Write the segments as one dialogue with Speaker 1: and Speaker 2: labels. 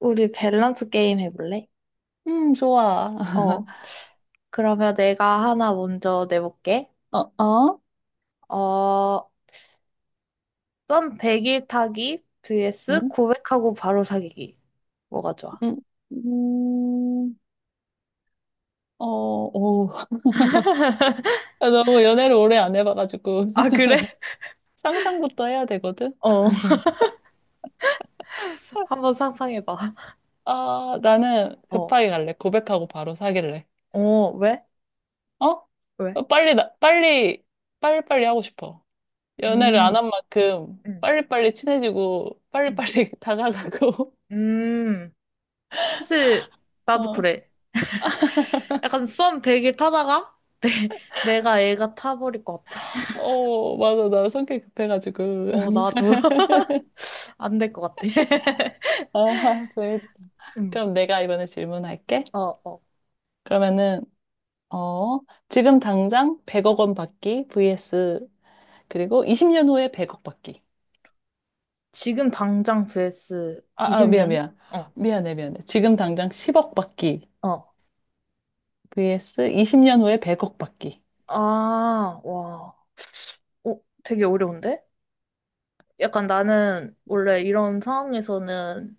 Speaker 1: 우리 밸런스 게임 해볼래?
Speaker 2: 좋아.
Speaker 1: 어, 그러면 내가 하나 먼저 내볼게.
Speaker 2: 어, 어?
Speaker 1: 어, 썸 100일 타기 vs
Speaker 2: 응?
Speaker 1: 고백하고 바로 사귀기. 뭐가 좋아?
Speaker 2: 음, 음, 오. 너무 연애를 오래 안 해봐가지고
Speaker 1: 아, 그래?
Speaker 2: 상상부터 해야 되거든.
Speaker 1: 어, 한번 상상해봐.
Speaker 2: 아, 나는
Speaker 1: 어,
Speaker 2: 급하게 갈래. 고백하고 바로 사귈래.
Speaker 1: 어, 왜?
Speaker 2: 어?
Speaker 1: 왜?
Speaker 2: 어, 빨리, 나, 빨리, 빨리빨리 하고 싶어. 연애를 안
Speaker 1: 음,
Speaker 2: 한 만큼
Speaker 1: 음,
Speaker 2: 빨리빨리 친해지고
Speaker 1: 음.
Speaker 2: 빨리빨리 다가가고.
Speaker 1: 음. 사실, 나도
Speaker 2: 어,
Speaker 1: 그래. 약간 썸 100일 타다가 내가 애가 타버릴 것 같아.
Speaker 2: 어, 맞아. 나 성격 급해가지고.
Speaker 1: 어, 나도 안 될 것 같아.
Speaker 2: 아, 재밌다.
Speaker 1: 음,
Speaker 2: 그럼 내가 이번에 질문할게.
Speaker 1: 어, 어.
Speaker 2: 그러면은, 어, 지금 당장 100억 원 받기 vs 그리고 20년 후에 100억 받기.
Speaker 1: 지금 당장 vs
Speaker 2: 아, 아, 미안,
Speaker 1: 20년?
Speaker 2: 미안.
Speaker 1: 어,
Speaker 2: 미안해, 미안해. 지금 당장 10억 받기
Speaker 1: 어.
Speaker 2: vs 20년 후에 100억 받기.
Speaker 1: 아, 와. 어, 되게 어려운데? 약간 나는 원래 이런 상황에서는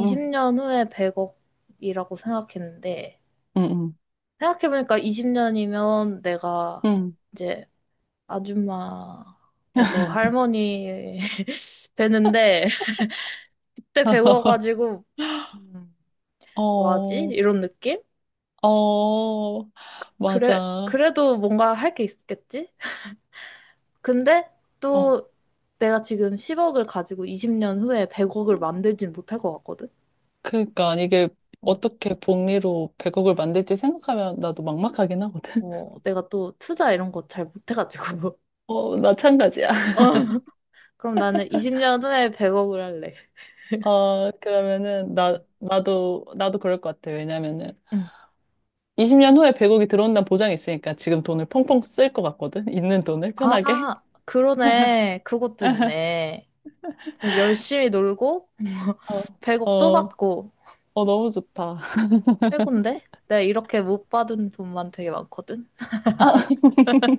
Speaker 2: 응,
Speaker 1: 후에 100억이라고 생각했는데,
Speaker 2: 응, 응,
Speaker 1: 생각해보니까 20년이면 내가
Speaker 2: 응.
Speaker 1: 이제 아줌마에서 할머니 되는데, 그때 100억 가지고, 음, 뭐하지?
Speaker 2: 어,
Speaker 1: 이런 느낌?
Speaker 2: 어,
Speaker 1: 그래,
Speaker 2: 맞아.
Speaker 1: 그래도 뭔가 할 게 있겠지? 근데
Speaker 2: 어.
Speaker 1: 또 내가 지금 10억을 가지고 20년 후에 100억을 만들진 못할 것 같거든?
Speaker 2: 그러니까 이게
Speaker 1: 어,
Speaker 2: 어떻게 복리로 100억을 만들지 생각하면 나도 막막하긴 하거든.
Speaker 1: 어, 내가 또 투자 이런 거 잘 못해가지고.
Speaker 2: 어, 마찬가지야.
Speaker 1: 어, 그럼 나는 20년 후에 100억을 할래.
Speaker 2: 어, 그러면은,
Speaker 1: 어.
Speaker 2: 나도 그럴 것 같아. 왜냐면은,
Speaker 1: 응.
Speaker 2: 20년 후에 100억이 들어온다는 보장이 있으니까 지금 돈을 펑펑 쓸 것 같거든? 있는 돈을 편하게.
Speaker 1: 아, 그러네. 그것도 있네. 열심히 놀고,
Speaker 2: 어,
Speaker 1: 100억 또
Speaker 2: 어,
Speaker 1: 받고,
Speaker 2: 너무 좋다.
Speaker 1: 최고인데? 내가 이렇게 못 받은 돈만 되게 많거든?
Speaker 2: 아,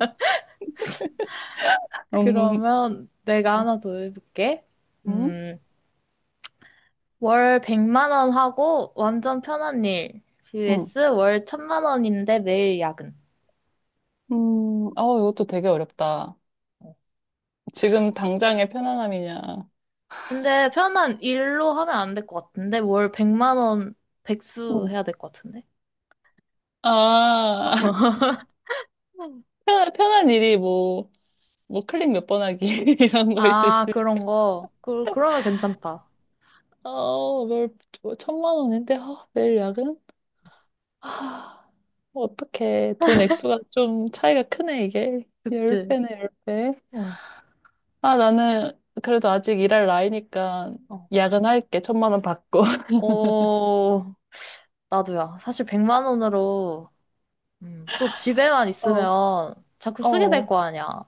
Speaker 2: 음,
Speaker 1: 그러면 내가 하나 더 해볼게.
Speaker 2: 음,
Speaker 1: 음. 월 100만 원 하고 완전 편한 일.
Speaker 2: 음,
Speaker 1: vs 월 1000만 원인데 매일 야근.
Speaker 2: 이것도 되게 어렵다. 지금 당장의 편안함이냐.
Speaker 1: 근데 편한 일로 하면 안 될 것 같은데 월 100만 원 백수
Speaker 2: 음.
Speaker 1: 해야 될 것 같은데.
Speaker 2: 아,
Speaker 1: 음.
Speaker 2: 편한 일이 뭐 클릭 몇 번 하기 이런 거일 수
Speaker 1: 아,
Speaker 2: 있으니까.
Speaker 1: 그런 거. 그러면 괜찮다.
Speaker 2: 어, 뭘, 뭐 천만 원인데, 아, 내일 야근? 아 어떻게 돈 액수가 좀 차이가 크네, 이게.
Speaker 1: 그치?
Speaker 2: 10배네, 10배.
Speaker 1: 어.
Speaker 2: 아, 나는 그래도 아직 일할 나이니까
Speaker 1: 어,
Speaker 2: 야근할게. 천만 원 받고.
Speaker 1: 어, 나도야. 사실 100만 원으로 또 집에만
Speaker 2: 어,
Speaker 1: 있으면 자꾸 쓰게 될
Speaker 2: 어.
Speaker 1: 거 아니야.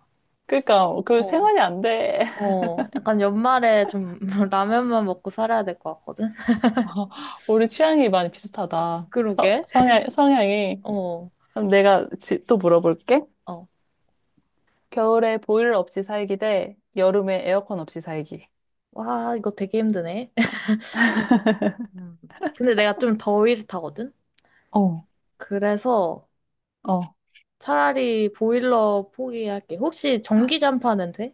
Speaker 2: 그러니까 그
Speaker 1: 어.
Speaker 2: 생활이 안 돼.
Speaker 1: 어, 약간 연말에 좀 라면만 먹고 살아야 될 것 같거든?
Speaker 2: 어, 우리 취향이 많이 비슷하다.
Speaker 1: 그러게.
Speaker 2: 성향이.
Speaker 1: 어,
Speaker 2: 그럼 내가 또 물어볼게.
Speaker 1: 어.
Speaker 2: 겨울에 보일러 없이 살기 대 여름에 에어컨 없이 살기.
Speaker 1: 와, 이거 되게 힘드네. 음. 근데 내가 좀 더위를 타거든?
Speaker 2: 어,
Speaker 1: 그래서
Speaker 2: 어.
Speaker 1: 차라리 보일러 포기할게. 혹시 전기 잠파는 돼?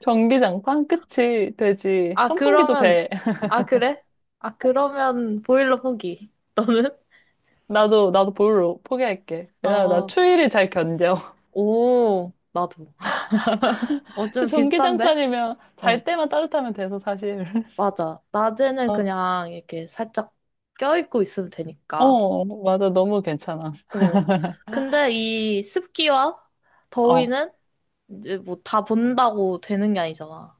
Speaker 2: 전기장판? 그치, 되지.
Speaker 1: 아,
Speaker 2: 선풍기도
Speaker 1: 그러면,
Speaker 2: 돼.
Speaker 1: 아, 그래? 아, 그러면 보일러 포기. 너는?
Speaker 2: 나도 볼로 포기할게. 왜냐면 나
Speaker 1: 어,
Speaker 2: 추위를 잘 견뎌.
Speaker 1: 오, 나도. 어, 좀 비슷한데?
Speaker 2: 전기장판이면
Speaker 1: 어,
Speaker 2: 잘 때만 따뜻하면 돼서 사실.
Speaker 1: 맞아. 낮에는
Speaker 2: 어,
Speaker 1: 그냥 이렇게 살짝 껴입고 있으면 되니까.
Speaker 2: 어, 맞아. 너무 괜찮아.
Speaker 1: 어. 근데 이 습기와
Speaker 2: 어,
Speaker 1: 더위는 이제 뭐 다 본다고 되는 게 아니잖아. 어,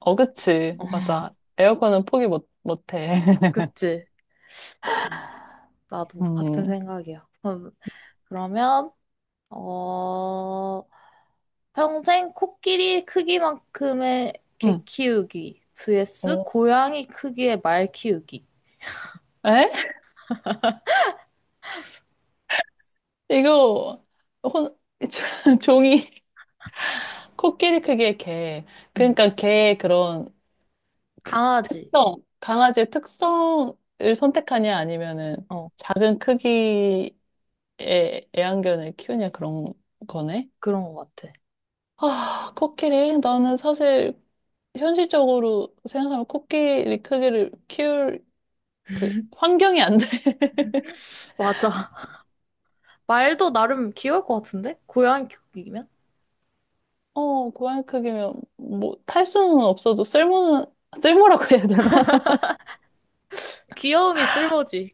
Speaker 2: 어, 그치. 맞아. 에어컨은 포기 못, 못해.
Speaker 1: 그치? 음. 나도 같은
Speaker 2: 음,
Speaker 1: 생각이야. 그러면, 어, 평생 코끼리 크기만큼의 개
Speaker 2: 음,
Speaker 1: 키우기 vs
Speaker 2: 어.
Speaker 1: 고양이 크기의 말 키우기.
Speaker 2: 에? 이거, 혼, 종이, 코끼리 크기의 개.
Speaker 1: 음,
Speaker 2: 그러니까 개의 그런 그
Speaker 1: 강아지.
Speaker 2: 특성, 강아지의 특성을 선택하냐 아니면은
Speaker 1: 어,
Speaker 2: 작은 크기 애완견을 키우냐 그런 거네.
Speaker 1: 그런 것 같아.
Speaker 2: 아, 코끼리. 나는 사실 현실적으로 생각하면 코끼리 크기를 키울 그 환경이 안 돼.
Speaker 1: 맞아. 말도 나름 귀여울 것 같은데? 고양이 크기면?
Speaker 2: 고양이 크기면 뭐 탈 수는 없어도 쓸모는 쓸모라고 해야 되나?
Speaker 1: 귀여움이 쓸모지,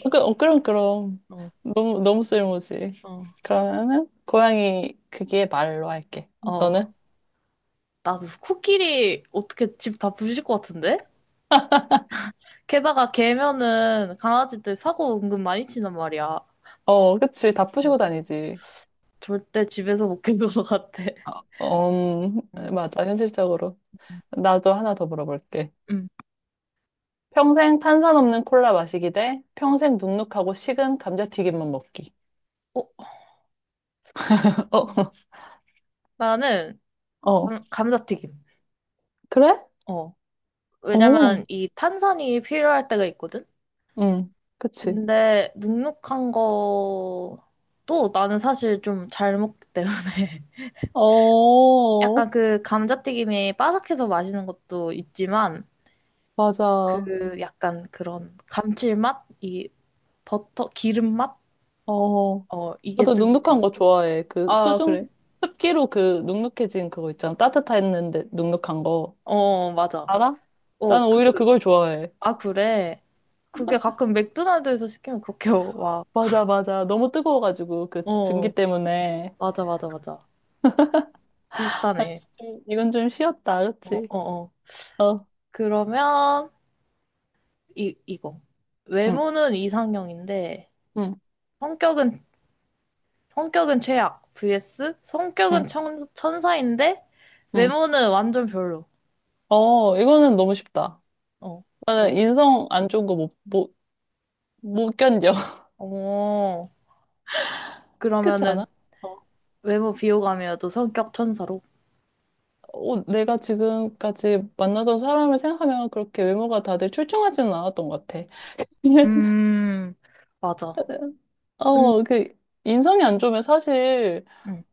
Speaker 2: 그럼 그럼
Speaker 1: 어,
Speaker 2: 너무 너무 쓸모지.
Speaker 1: 어.
Speaker 2: 그러면은 고양이 크기의 말로 할게. 너는?
Speaker 1: 어. 나도 코끼리 어떻게 집 다 부실 것 같은데? 게다가 개면은 강아지들 사고 은근 많이 치는 말이야.
Speaker 2: 어, 그치. 다
Speaker 1: 어,
Speaker 2: 푸시고 다니지.
Speaker 1: 절대 집에서 못 키울 것 같아.
Speaker 2: 음,
Speaker 1: 음.
Speaker 2: 맞아. 현실적으로. 나도 하나 더 물어볼게.
Speaker 1: 음.
Speaker 2: 평생 탄산 없는 콜라 마시기 대 평생 눅눅하고 식은 감자튀김만 먹기.
Speaker 1: 어, 음. 나는
Speaker 2: 어, 어.
Speaker 1: 감자튀김.
Speaker 2: 그래?
Speaker 1: 어.
Speaker 2: 어,
Speaker 1: 왜냐면 이 탄산이 필요할 때가 있거든?
Speaker 2: 응, 그치.
Speaker 1: 근데 눅눅한 거도 나는 사실 좀 잘 먹기 때문에
Speaker 2: 어,
Speaker 1: 약간 그 감자튀김이 바삭해서 맛있는 것도 있지만
Speaker 2: 맞아.
Speaker 1: 그 약간 그런 감칠맛이 버터 기름 맛?
Speaker 2: 어,
Speaker 1: 어 이게
Speaker 2: 나도
Speaker 1: 좀
Speaker 2: 눅눅한
Speaker 1: 비싸지.
Speaker 2: 거 좋아해. 그
Speaker 1: 아 그래.
Speaker 2: 습기로 그 눅눅해진 그거 있잖아. 따뜻했는데 눅눅한 거.
Speaker 1: 어 맞아.
Speaker 2: 알아? 나는
Speaker 1: 어 그
Speaker 2: 오히려 그걸 좋아해.
Speaker 1: 아 그래. 그게 가끔 맥도날드에서 시키면 그렇게 와.
Speaker 2: 맞아, 맞아. 너무 뜨거워가지고 그
Speaker 1: 어
Speaker 2: 증기
Speaker 1: 어.
Speaker 2: 때문에.
Speaker 1: 맞아 맞아 맞아. 비슷하네.
Speaker 2: 좀, 이건 좀 쉬었다,
Speaker 1: 어
Speaker 2: 그치?
Speaker 1: 어 어.
Speaker 2: 어,
Speaker 1: 그러면 이 이거
Speaker 2: 응,
Speaker 1: 외모는 이상형인데
Speaker 2: 응,
Speaker 1: 성격은 성격은 최악 vs
Speaker 2: 응,
Speaker 1: 성격은 천사인데
Speaker 2: 응.
Speaker 1: 외모는 완전 별로.
Speaker 2: 어, 이거는 너무 쉽다.
Speaker 1: 어.
Speaker 2: 나는
Speaker 1: 원래.
Speaker 2: 인성 안 좋은 거 못 견뎌.
Speaker 1: 어,
Speaker 2: 그렇지
Speaker 1: 그러면은
Speaker 2: 않아? 어,
Speaker 1: 외모 비호감이어도 성격 천사로?
Speaker 2: 어, 내가 지금까지 만나던 사람을 생각하면 그렇게 외모가 다들 출중하지는 않았던 것 같아.
Speaker 1: 음, 맞아. 근,
Speaker 2: 어, 인성이 안 좋으면 사실,
Speaker 1: 음,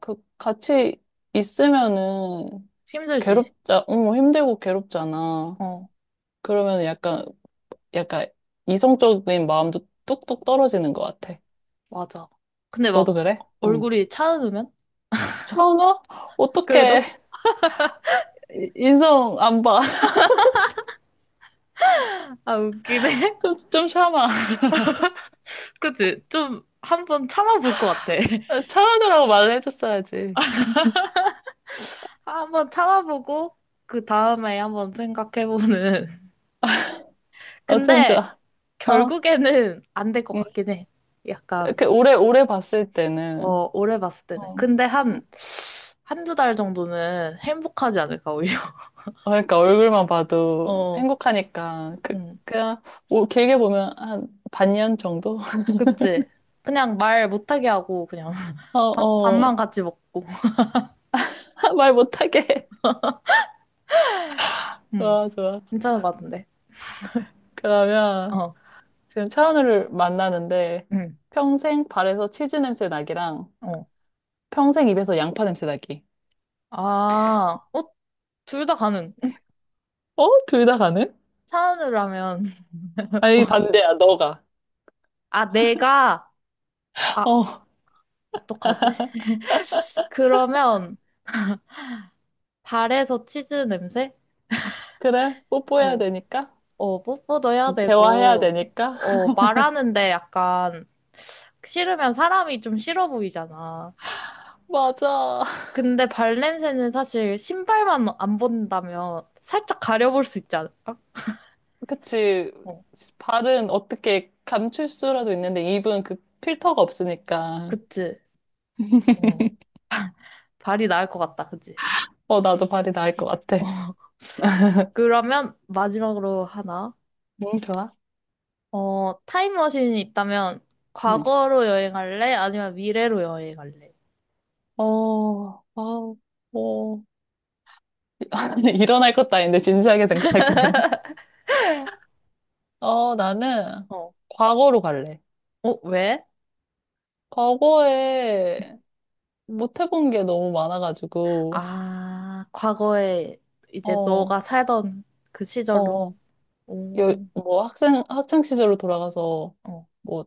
Speaker 2: 같이 있으면은,
Speaker 1: 힘들지.
Speaker 2: 힘들고 괴롭잖아.
Speaker 1: 어,
Speaker 2: 그러면 약간, 이성적인 마음도 뚝뚝 떨어지는 것 같아.
Speaker 1: 맞아. 근데
Speaker 2: 너도
Speaker 1: 막
Speaker 2: 그래? 응.
Speaker 1: 얼굴이 차가우면?
Speaker 2: 천아?
Speaker 1: 그래도?
Speaker 2: 어떡해. 인성 안 봐.
Speaker 1: 아, 웃기네.
Speaker 2: 좀 참아.
Speaker 1: 그치? 좀 한 번 참아볼 것 같아.
Speaker 2: 참아주라고 말을 해줬어야지.
Speaker 1: 한 번 참아보고, 그 다음에 한번 생각해보는.
Speaker 2: 어쩜
Speaker 1: 근데
Speaker 2: 좋아. 어,
Speaker 1: 결국에는 안 될 것
Speaker 2: 응.
Speaker 1: 같긴 해. 약간,
Speaker 2: 이렇게 오래, 오래 봤을 때는,
Speaker 1: 어, 오래 봤을
Speaker 2: 어,
Speaker 1: 때는. 근데
Speaker 2: 어,
Speaker 1: 한, 한 두 달 정도는 행복하지 않을까, 오히려.
Speaker 2: 그러니까 얼굴만 봐도
Speaker 1: 어,
Speaker 2: 행복하니까,
Speaker 1: 응
Speaker 2: 그냥, 오, 길게 보면 한 반년 정도?
Speaker 1: 그치? 그냥 말 못하게 하고, 그냥.
Speaker 2: 어,
Speaker 1: 밥,
Speaker 2: 어,
Speaker 1: 밥만 같이 먹고.
Speaker 2: 말 못하게.
Speaker 1: 음,
Speaker 2: 좋아, 좋아.
Speaker 1: 괜찮을 것 같은데.
Speaker 2: 그러면
Speaker 1: 어,
Speaker 2: 지금 차은우를 만나는데,
Speaker 1: 음,
Speaker 2: 평생 발에서 치즈 냄새 나기랑
Speaker 1: 어.
Speaker 2: 평생 입에서 양파 냄새 나기.
Speaker 1: 아, 어, 둘 다 가능.
Speaker 2: 어? 둘 다 가능?
Speaker 1: 차은우로 하면.
Speaker 2: 아니, 반대야, 너가.
Speaker 1: 아, 내가, 아,
Speaker 2: 어,
Speaker 1: 어떡하지? 그러면, 발에서 치즈 냄새?
Speaker 2: 그래? 뽀뽀해야
Speaker 1: 어,
Speaker 2: 되니까?
Speaker 1: 어, 뽀뽀도 해야
Speaker 2: 대화해야
Speaker 1: 되고,
Speaker 2: 되니까?
Speaker 1: 어, 말하는데 약간, 싫으면 사람이 좀 싫어 보이잖아.
Speaker 2: 맞아.
Speaker 1: 근데 발 냄새는 사실 신발만 안 본다면 살짝 가려볼 수 있지 않을까?
Speaker 2: 그치.
Speaker 1: 어,
Speaker 2: 발은 어떻게 감출 수라도 있는데 입은 그 필터가 없으니까.
Speaker 1: 그치? 어. 발이 나을 것 같다, 그치?
Speaker 2: 어, 나도 발이 나을 것
Speaker 1: 어,
Speaker 2: 같아.
Speaker 1: 그러면 마지막으로 하나.
Speaker 2: 응, 좋아.
Speaker 1: 어, 타임머신이 있다면
Speaker 2: 응.
Speaker 1: 과거로 여행할래? 아니면 미래로 여행할래?
Speaker 2: 어, 어, 어. 일어날 것도 아닌데 진지하게 생각하게 되네. 어, 나는
Speaker 1: 어.
Speaker 2: 과거로 갈래.
Speaker 1: 어, 왜?
Speaker 2: 과거에 못 해본 게 너무 많아가지고.
Speaker 1: 아, 과거에 이제
Speaker 2: 어,
Speaker 1: 너가 살던 그 시절로.
Speaker 2: 어.
Speaker 1: 오,
Speaker 2: 뭐 학창 시절로 돌아가서
Speaker 1: 어,
Speaker 2: 뭐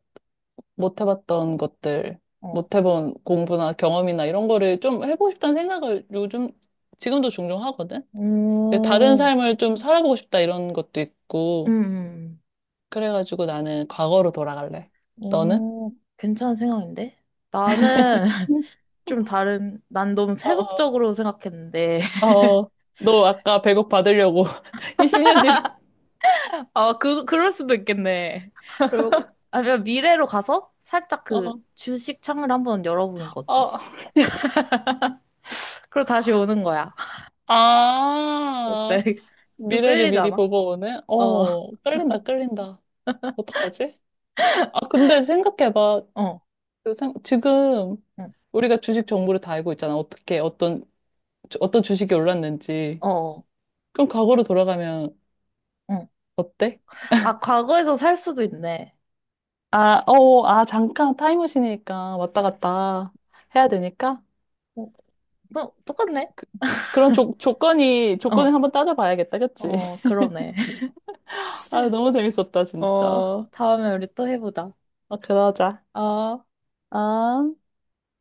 Speaker 2: 못 해봤던 것들,
Speaker 1: 어.
Speaker 2: 못 해본 공부나 경험이나 이런 거를 좀 해보고 싶다는 생각을 요즘, 지금도 종종 하거든? 다른
Speaker 1: 오,
Speaker 2: 삶을 좀 살아보고 싶다 이런 것도
Speaker 1: 음,
Speaker 2: 있고,
Speaker 1: 음.
Speaker 2: 그래가지고 나는 과거로 돌아갈래.
Speaker 1: 음.
Speaker 2: 너는?
Speaker 1: 오, 괜찮은 생각인데? 나는
Speaker 2: 응.
Speaker 1: 좀 다른, 난 너무
Speaker 2: 어,
Speaker 1: 세속적으로 생각했는데.
Speaker 2: 어, 어, 너 아까 100억 받으려고 20년 뒤로,
Speaker 1: 아, 그럴 수도 있겠네. 그리고, 아니면 미래로 가서 살짝 그
Speaker 2: 어,
Speaker 1: 주식 창을 한번 열어보는 거지.
Speaker 2: 어,
Speaker 1: 그리고 다시 오는 거야. 어때?
Speaker 2: 아,
Speaker 1: 좀
Speaker 2: 미래를 미리
Speaker 1: 끌리잖아?
Speaker 2: 보고 오네?
Speaker 1: 어,
Speaker 2: 어, 끌린다, 끌린다. 어떡하지? 아, 근데 생각해봐.
Speaker 1: 어,
Speaker 2: 그 지금
Speaker 1: 응,
Speaker 2: 우리가 주식 정보를 다 알고 있잖아. 어떤 주식이 올랐는지.
Speaker 1: 어, 어,
Speaker 2: 그럼 과거로 돌아가면
Speaker 1: 응.
Speaker 2: 어때?
Speaker 1: 아, 과거에서 살 수도 있네.
Speaker 2: 아, 아, 잠깐 타임머신이니까 왔다
Speaker 1: 어,
Speaker 2: 갔다 해야 되니까.
Speaker 1: 어, 뭐, 똑같네?
Speaker 2: 그, 그런 조건을
Speaker 1: 어,
Speaker 2: 한번 따져봐야겠다. 그치?
Speaker 1: 어, 그러네.
Speaker 2: 아, 너무 재밌었다, 진짜.
Speaker 1: 어, 다음에 우리 또 해보자.
Speaker 2: 아, 그러자.
Speaker 1: 아.
Speaker 2: 아.